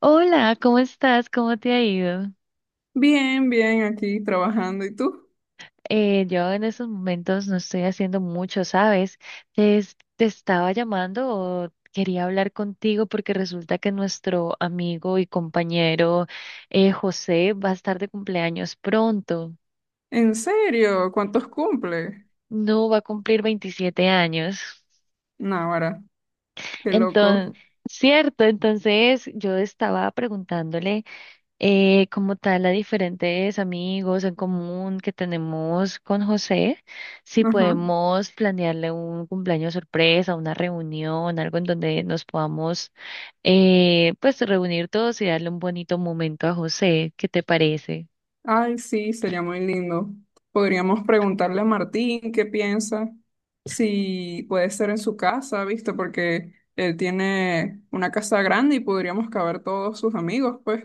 Hola, ¿cómo estás? ¿Cómo te ha ido? Bien, bien, aquí trabajando. ¿Y tú? Yo en estos momentos no estoy haciendo mucho, ¿sabes? Te estaba llamando o quería hablar contigo porque resulta que nuestro amigo y compañero José va a estar de cumpleaños pronto. ¿En serio? ¿Cuántos cumple? No va a cumplir 27 años. Náguara, qué loco. Entonces, cierto, entonces yo estaba preguntándole. Como tal a diferentes amigos en común que tenemos con José, si Ajá. podemos planearle un cumpleaños sorpresa, una reunión, algo en donde nos podamos pues reunir todos y darle un bonito momento a José. ¿Qué te parece? Ay, sí, sería muy lindo. Podríamos preguntarle a Martín qué piensa, si puede ser en su casa, ¿viste? Porque él tiene una casa grande y podríamos caber todos sus amigos, pues.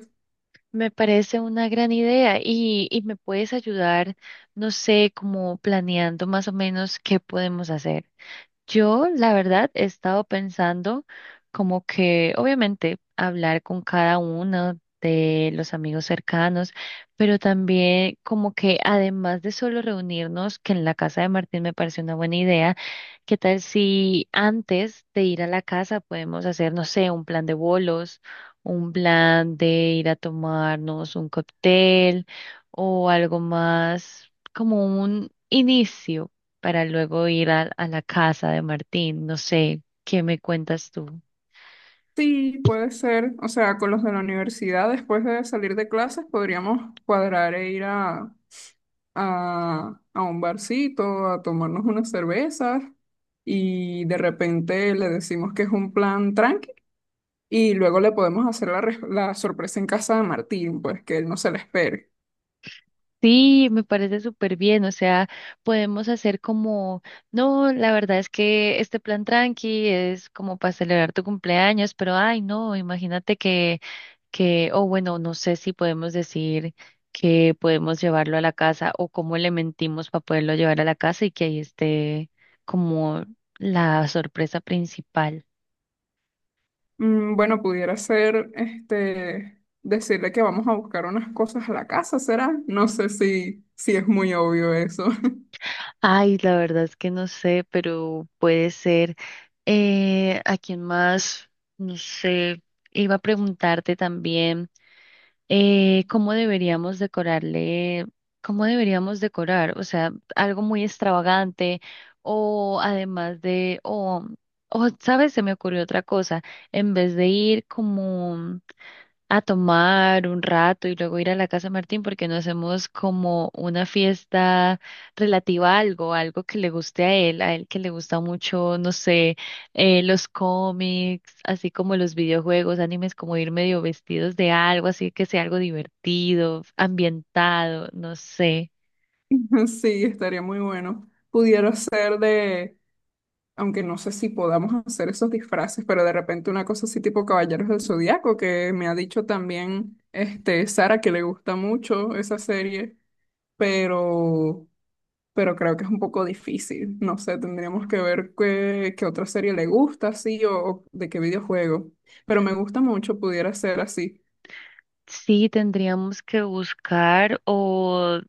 Me parece una gran idea y me puedes ayudar, no sé, como planeando más o menos qué podemos hacer. Yo, la verdad, he estado pensando como que, obviamente, hablar con cada uno de los amigos cercanos, pero también como que, además de solo reunirnos, que en la casa de Martín me pareció una buena idea, ¿qué tal si antes de ir a la casa podemos hacer, no sé, un plan de bolos, un plan de ir a tomarnos un cóctel o algo más como un inicio? Para luego ir a la casa de Martín. No sé, ¿qué me cuentas tú? Sí, puede ser. O sea, con los de la universidad, después de salir de clases, podríamos cuadrar e ir a a un barcito, a tomarnos unas cervezas y de repente le decimos que es un plan tranqui y luego le podemos hacer la sorpresa en casa de Martín, pues que él no se la espere. Sí, me parece súper bien, o sea, podemos hacer como, no, la verdad es que este plan tranqui es como para celebrar tu cumpleaños, pero ay, no, imagínate que, o bueno, no sé si podemos decir que podemos llevarlo a la casa o cómo le mentimos para poderlo llevar a la casa y que ahí esté como la sorpresa principal. Mm, bueno, pudiera ser este, decirle que vamos a buscar unas cosas a la casa, ¿será? No sé si es muy obvio eso. Ay, la verdad es que no sé, pero puede ser. ¿A quién más? No sé. Iba a preguntarte también cómo deberíamos decorarle, cómo deberíamos decorar, o sea, algo muy extravagante o además ¿sabes? Se me ocurrió otra cosa. En vez de ir como a tomar un rato y luego ir a la casa de Martín porque no hacemos como una fiesta relativa a algo, algo que le guste a él que le gusta mucho, no sé, los cómics, así como los videojuegos, animes, como ir medio vestidos de algo, así que sea algo divertido, ambientado, no sé. Sí, estaría muy bueno. Pudiera ser de, aunque no sé si podamos hacer esos disfraces, pero de repente una cosa así tipo Caballeros del Zodiaco, que me ha dicho también este Sara que le gusta mucho esa serie, pero pero creo que es un poco difícil. No sé, tendríamos que ver qué otra serie le gusta, sí, o de qué videojuego. Pero me gusta mucho, pudiera ser así. Sí, tendríamos que buscar o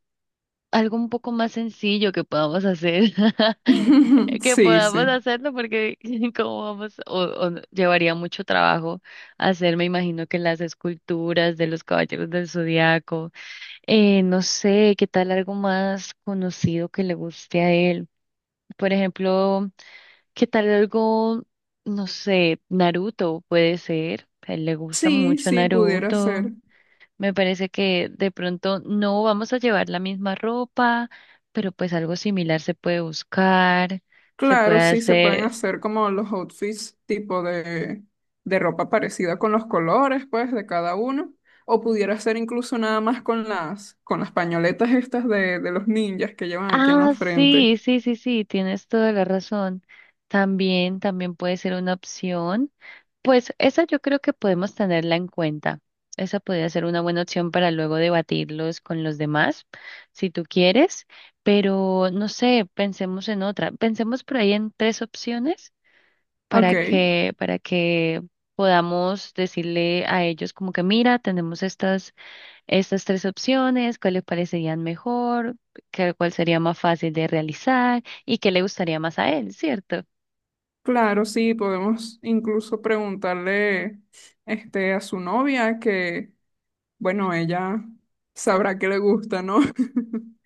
algo un poco más sencillo que podamos hacer, que Sí, podamos sí. hacerlo porque como vamos, o no- llevaría mucho trabajo hacer, me imagino que las esculturas de los Caballeros del Zodiaco, no sé, qué tal algo más conocido que le guste a él, por ejemplo, qué tal algo, no sé, Naruto puede ser, a él le gusta Sí, mucho sí, pudiera Naruto. ser. Me parece que de pronto no vamos a llevar la misma ropa, pero pues algo similar se puede buscar, se puede Claro, sí, se pueden hacer. hacer como los outfits tipo de ropa parecida con los colores, pues, de cada uno. O pudiera ser incluso nada más con con las pañoletas estas de los ninjas que llevan aquí en la Ah, frente. sí, sí, sí, sí, tienes toda la razón. También, también puede ser una opción. Pues esa yo creo que podemos tenerla en cuenta. Esa podría ser una buena opción para luego debatirlos con los demás, si tú quieres. Pero no sé, pensemos en otra. Pensemos por ahí en tres opciones Ok, para que podamos decirle a ellos como que mira, tenemos estas, estas tres opciones, cuál les parecerían mejor, cuál sería más fácil de realizar y qué le gustaría más a él, ¿cierto? claro, sí, podemos incluso preguntarle este, a su novia que, bueno, ella sabrá que le gusta, ¿no?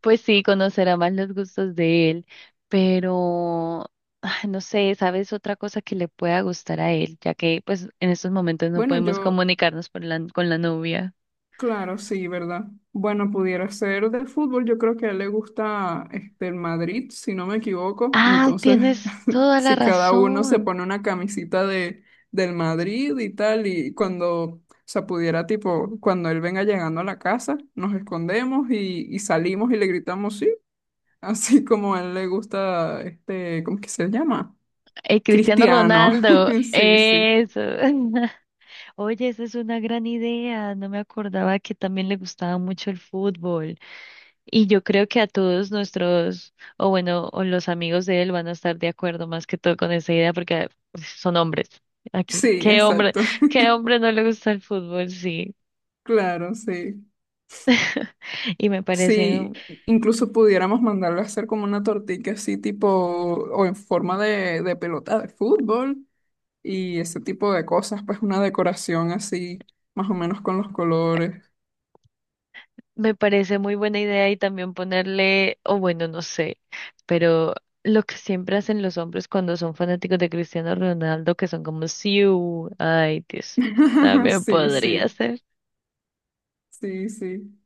Pues sí, conocerá más los gustos de él, pero ay, no sé, ¿sabes otra cosa que le pueda gustar a él? Ya que pues en estos momentos no Bueno, podemos yo. comunicarnos por con la novia. Claro, sí, ¿verdad? Bueno, pudiera ser de fútbol. Yo creo que a él le gusta este, el Madrid, si no me equivoco. Ah, Entonces, tienes toda la si cada uno se razón. pone una camisita de, del Madrid y tal, y cuando, o sea, pudiera, tipo, cuando él venga llegando a la casa, nos escondemos y salimos y le gritamos sí, así como a él le gusta, este, ¿cómo que se llama? Cristiano Cristiano. Ronaldo, Sí, sí. eso. Oye, esa es una gran idea. No me acordaba que también le gustaba mucho el fútbol. Y yo creo que a todos nuestros, o bueno, o los amigos de él van a estar de acuerdo más que todo con esa idea porque pues, son hombres. Aquí, Sí, exacto. qué hombre no le gusta el fútbol, sí. Claro, sí. Y me parece Sí, incluso pudiéramos mandarlo a hacer como una tortilla así tipo, o en forma de pelota de fútbol y ese tipo de cosas, pues una decoración así, más o menos con los colores. me parece muy buena idea y también ponerle, o bueno, no sé, pero lo que siempre hacen los hombres cuando son fanáticos de Cristiano Ronaldo, que son como Siu, ay Dios, también Sí, podría sí, ser. sí, sí.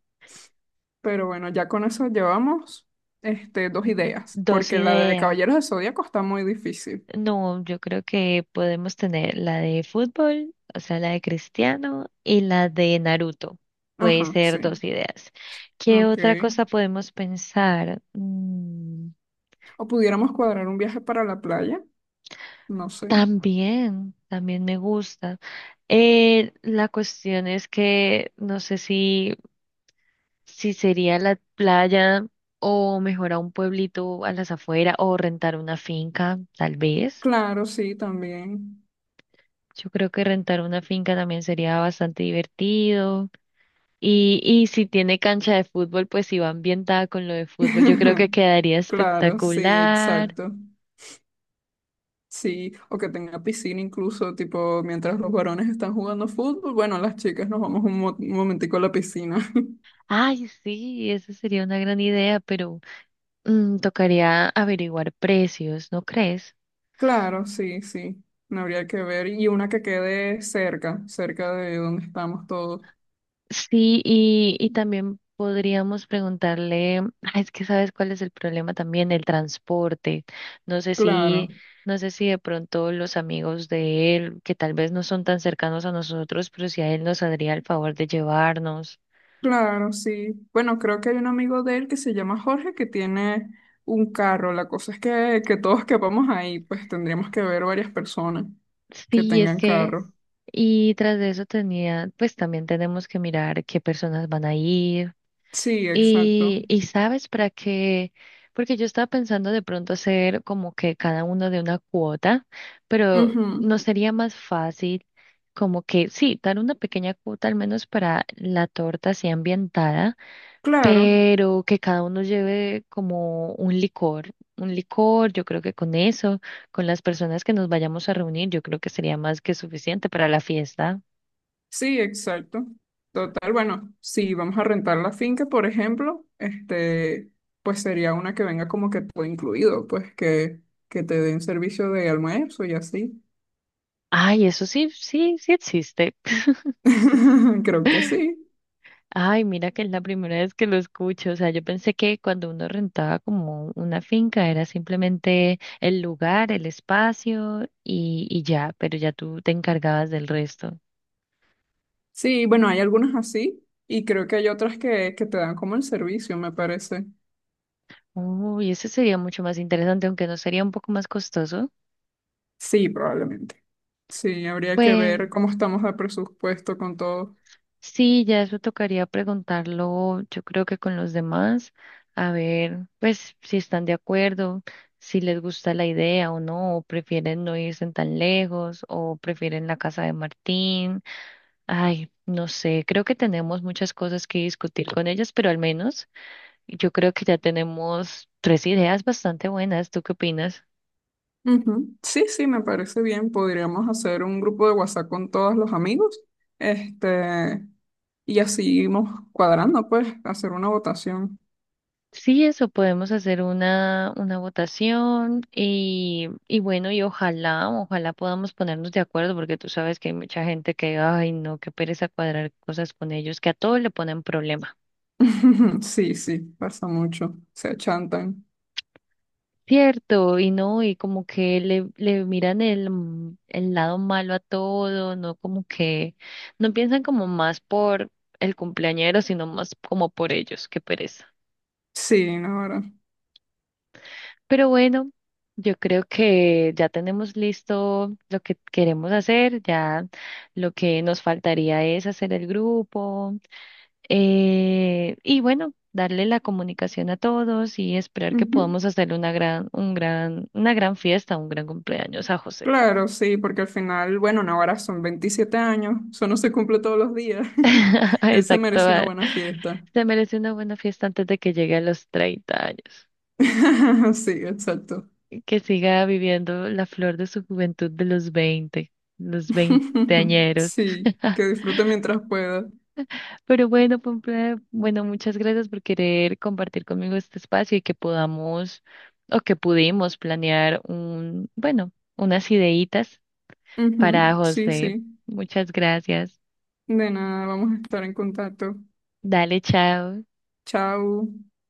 Pero bueno, ya con eso llevamos este, dos ideas, Dos porque la de ideas. Caballeros del Zodíaco está muy difícil. No, yo creo que podemos tener la de fútbol, o sea, la de Cristiano y la de Naruto. Puede Ajá, ser sí. dos ideas. ¿Qué Ok. otra cosa podemos pensar? O pudiéramos cuadrar un viaje para la playa, no sé. También, también me gusta. La cuestión es que no sé si, si sería la playa o mejor a un pueblito a las afueras o rentar una finca, tal vez. Claro, sí, también. Yo creo que rentar una finca también sería bastante divertido. Y si tiene cancha de fútbol, pues si va ambientada con lo de fútbol, yo creo que quedaría Claro, sí, espectacular. exacto. Sí, o que tenga piscina incluso, tipo, mientras los varones están jugando fútbol, bueno, las chicas nos vamos un, un momentico a la piscina. Ay, sí, esa sería una gran idea, pero... Mm, tocaría averiguar precios, ¿no crees? Claro, sí, sí, no habría que ver. Y una que quede cerca de donde estamos todos. Sí, y también podríamos preguntarle, ah, es que sabes cuál es el problema también, el transporte. No sé si, Claro, no sé si de pronto los amigos de él, que tal vez no son tan cercanos a nosotros, pero si a él nos haría el favor de llevarnos. claro, sí. Bueno, creo que hay un amigo de él que se llama Jorge que tiene un carro. La cosa es que todos quepamos ahí, pues tendríamos que ver varias personas que Sí, es tengan que, carro. y tras de eso tenía, pues también tenemos que mirar qué personas van a ir. Sí, exacto. Y sabes para qué, porque yo estaba pensando de pronto hacer como que cada uno de una cuota, pero no Ujú. sería más fácil como que sí, dar una pequeña cuota al menos para la torta así ambientada, Claro, pero que cada uno lleve como un licor, yo creo que con eso, con las personas que nos vayamos a reunir, yo creo que sería más que suficiente para la fiesta. sí, exacto. Total, bueno, si vamos a rentar la finca, por ejemplo, este, pues sería una que venga como que todo incluido, pues que te den servicio de almuerzo y así. Ay, eso sí, sí, sí existe. Creo que sí. Ay, mira que es la primera vez que lo escucho. O sea, yo pensé que cuando uno rentaba como una finca era simplemente el lugar, el espacio y ya, pero ya tú te encargabas del resto. Sí, bueno, hay algunas así y creo que hay otras que te dan como el servicio, me parece. Uy, eso sería mucho más interesante, aunque no sería un poco más costoso. Sí, probablemente. Sí, habría que Pues ver cómo estamos de presupuesto con todo. sí, ya eso tocaría preguntarlo, yo creo que con los demás, a ver, pues si están de acuerdo, si les gusta la idea o no, o prefieren no irse tan lejos, o prefieren la casa de Martín. Ay, no sé, creo que tenemos muchas cosas que discutir con ellas, pero al menos yo creo que ya tenemos tres ideas bastante buenas. ¿Tú qué opinas? Ujú. Sí, sí, me parece bien. Podríamos hacer un grupo de WhatsApp con todos los amigos, este, y así irnos cuadrando, pues, hacer una votación. Sí, eso, podemos hacer una votación y bueno, y ojalá, ojalá podamos ponernos de acuerdo, porque tú sabes que hay mucha gente que, ay, no, qué pereza cuadrar cosas con ellos, que a todo le ponen problema. Sí, sí, pasa mucho. Se achantan. Cierto, y no, y como que le miran el, el lado malo a todo, no como que no piensan como más por el cumpleañero, sino más como por ellos, qué pereza. Sí, Navarra. Pero bueno, yo creo que ya tenemos listo lo que queremos hacer, ya lo que nos faltaría es hacer el grupo, y bueno, darle la comunicación a todos y esperar que Ujú. podamos hacer una gran, un gran, una gran fiesta, un gran cumpleaños a José. Claro, sí, porque al final, bueno, Navarra son 27 años, eso no se cumple todos los días. Él se Exacto. merece una Va. buena fiesta. Se merece una buena fiesta antes de que llegue a los 30 años. Sí, exacto. Que siga viviendo la flor de su juventud de los 20, los veinteañeros. Sí, que disfrute mientras pueda. Pero bueno, Pompey, bueno, muchas gracias por querer compartir conmigo este espacio y que podamos o que pudimos planear un, bueno, unas ideitas para Ujú. Sí, sí. José. Muchas gracias. De nada, vamos a estar en contacto. Dale, chao. Chao.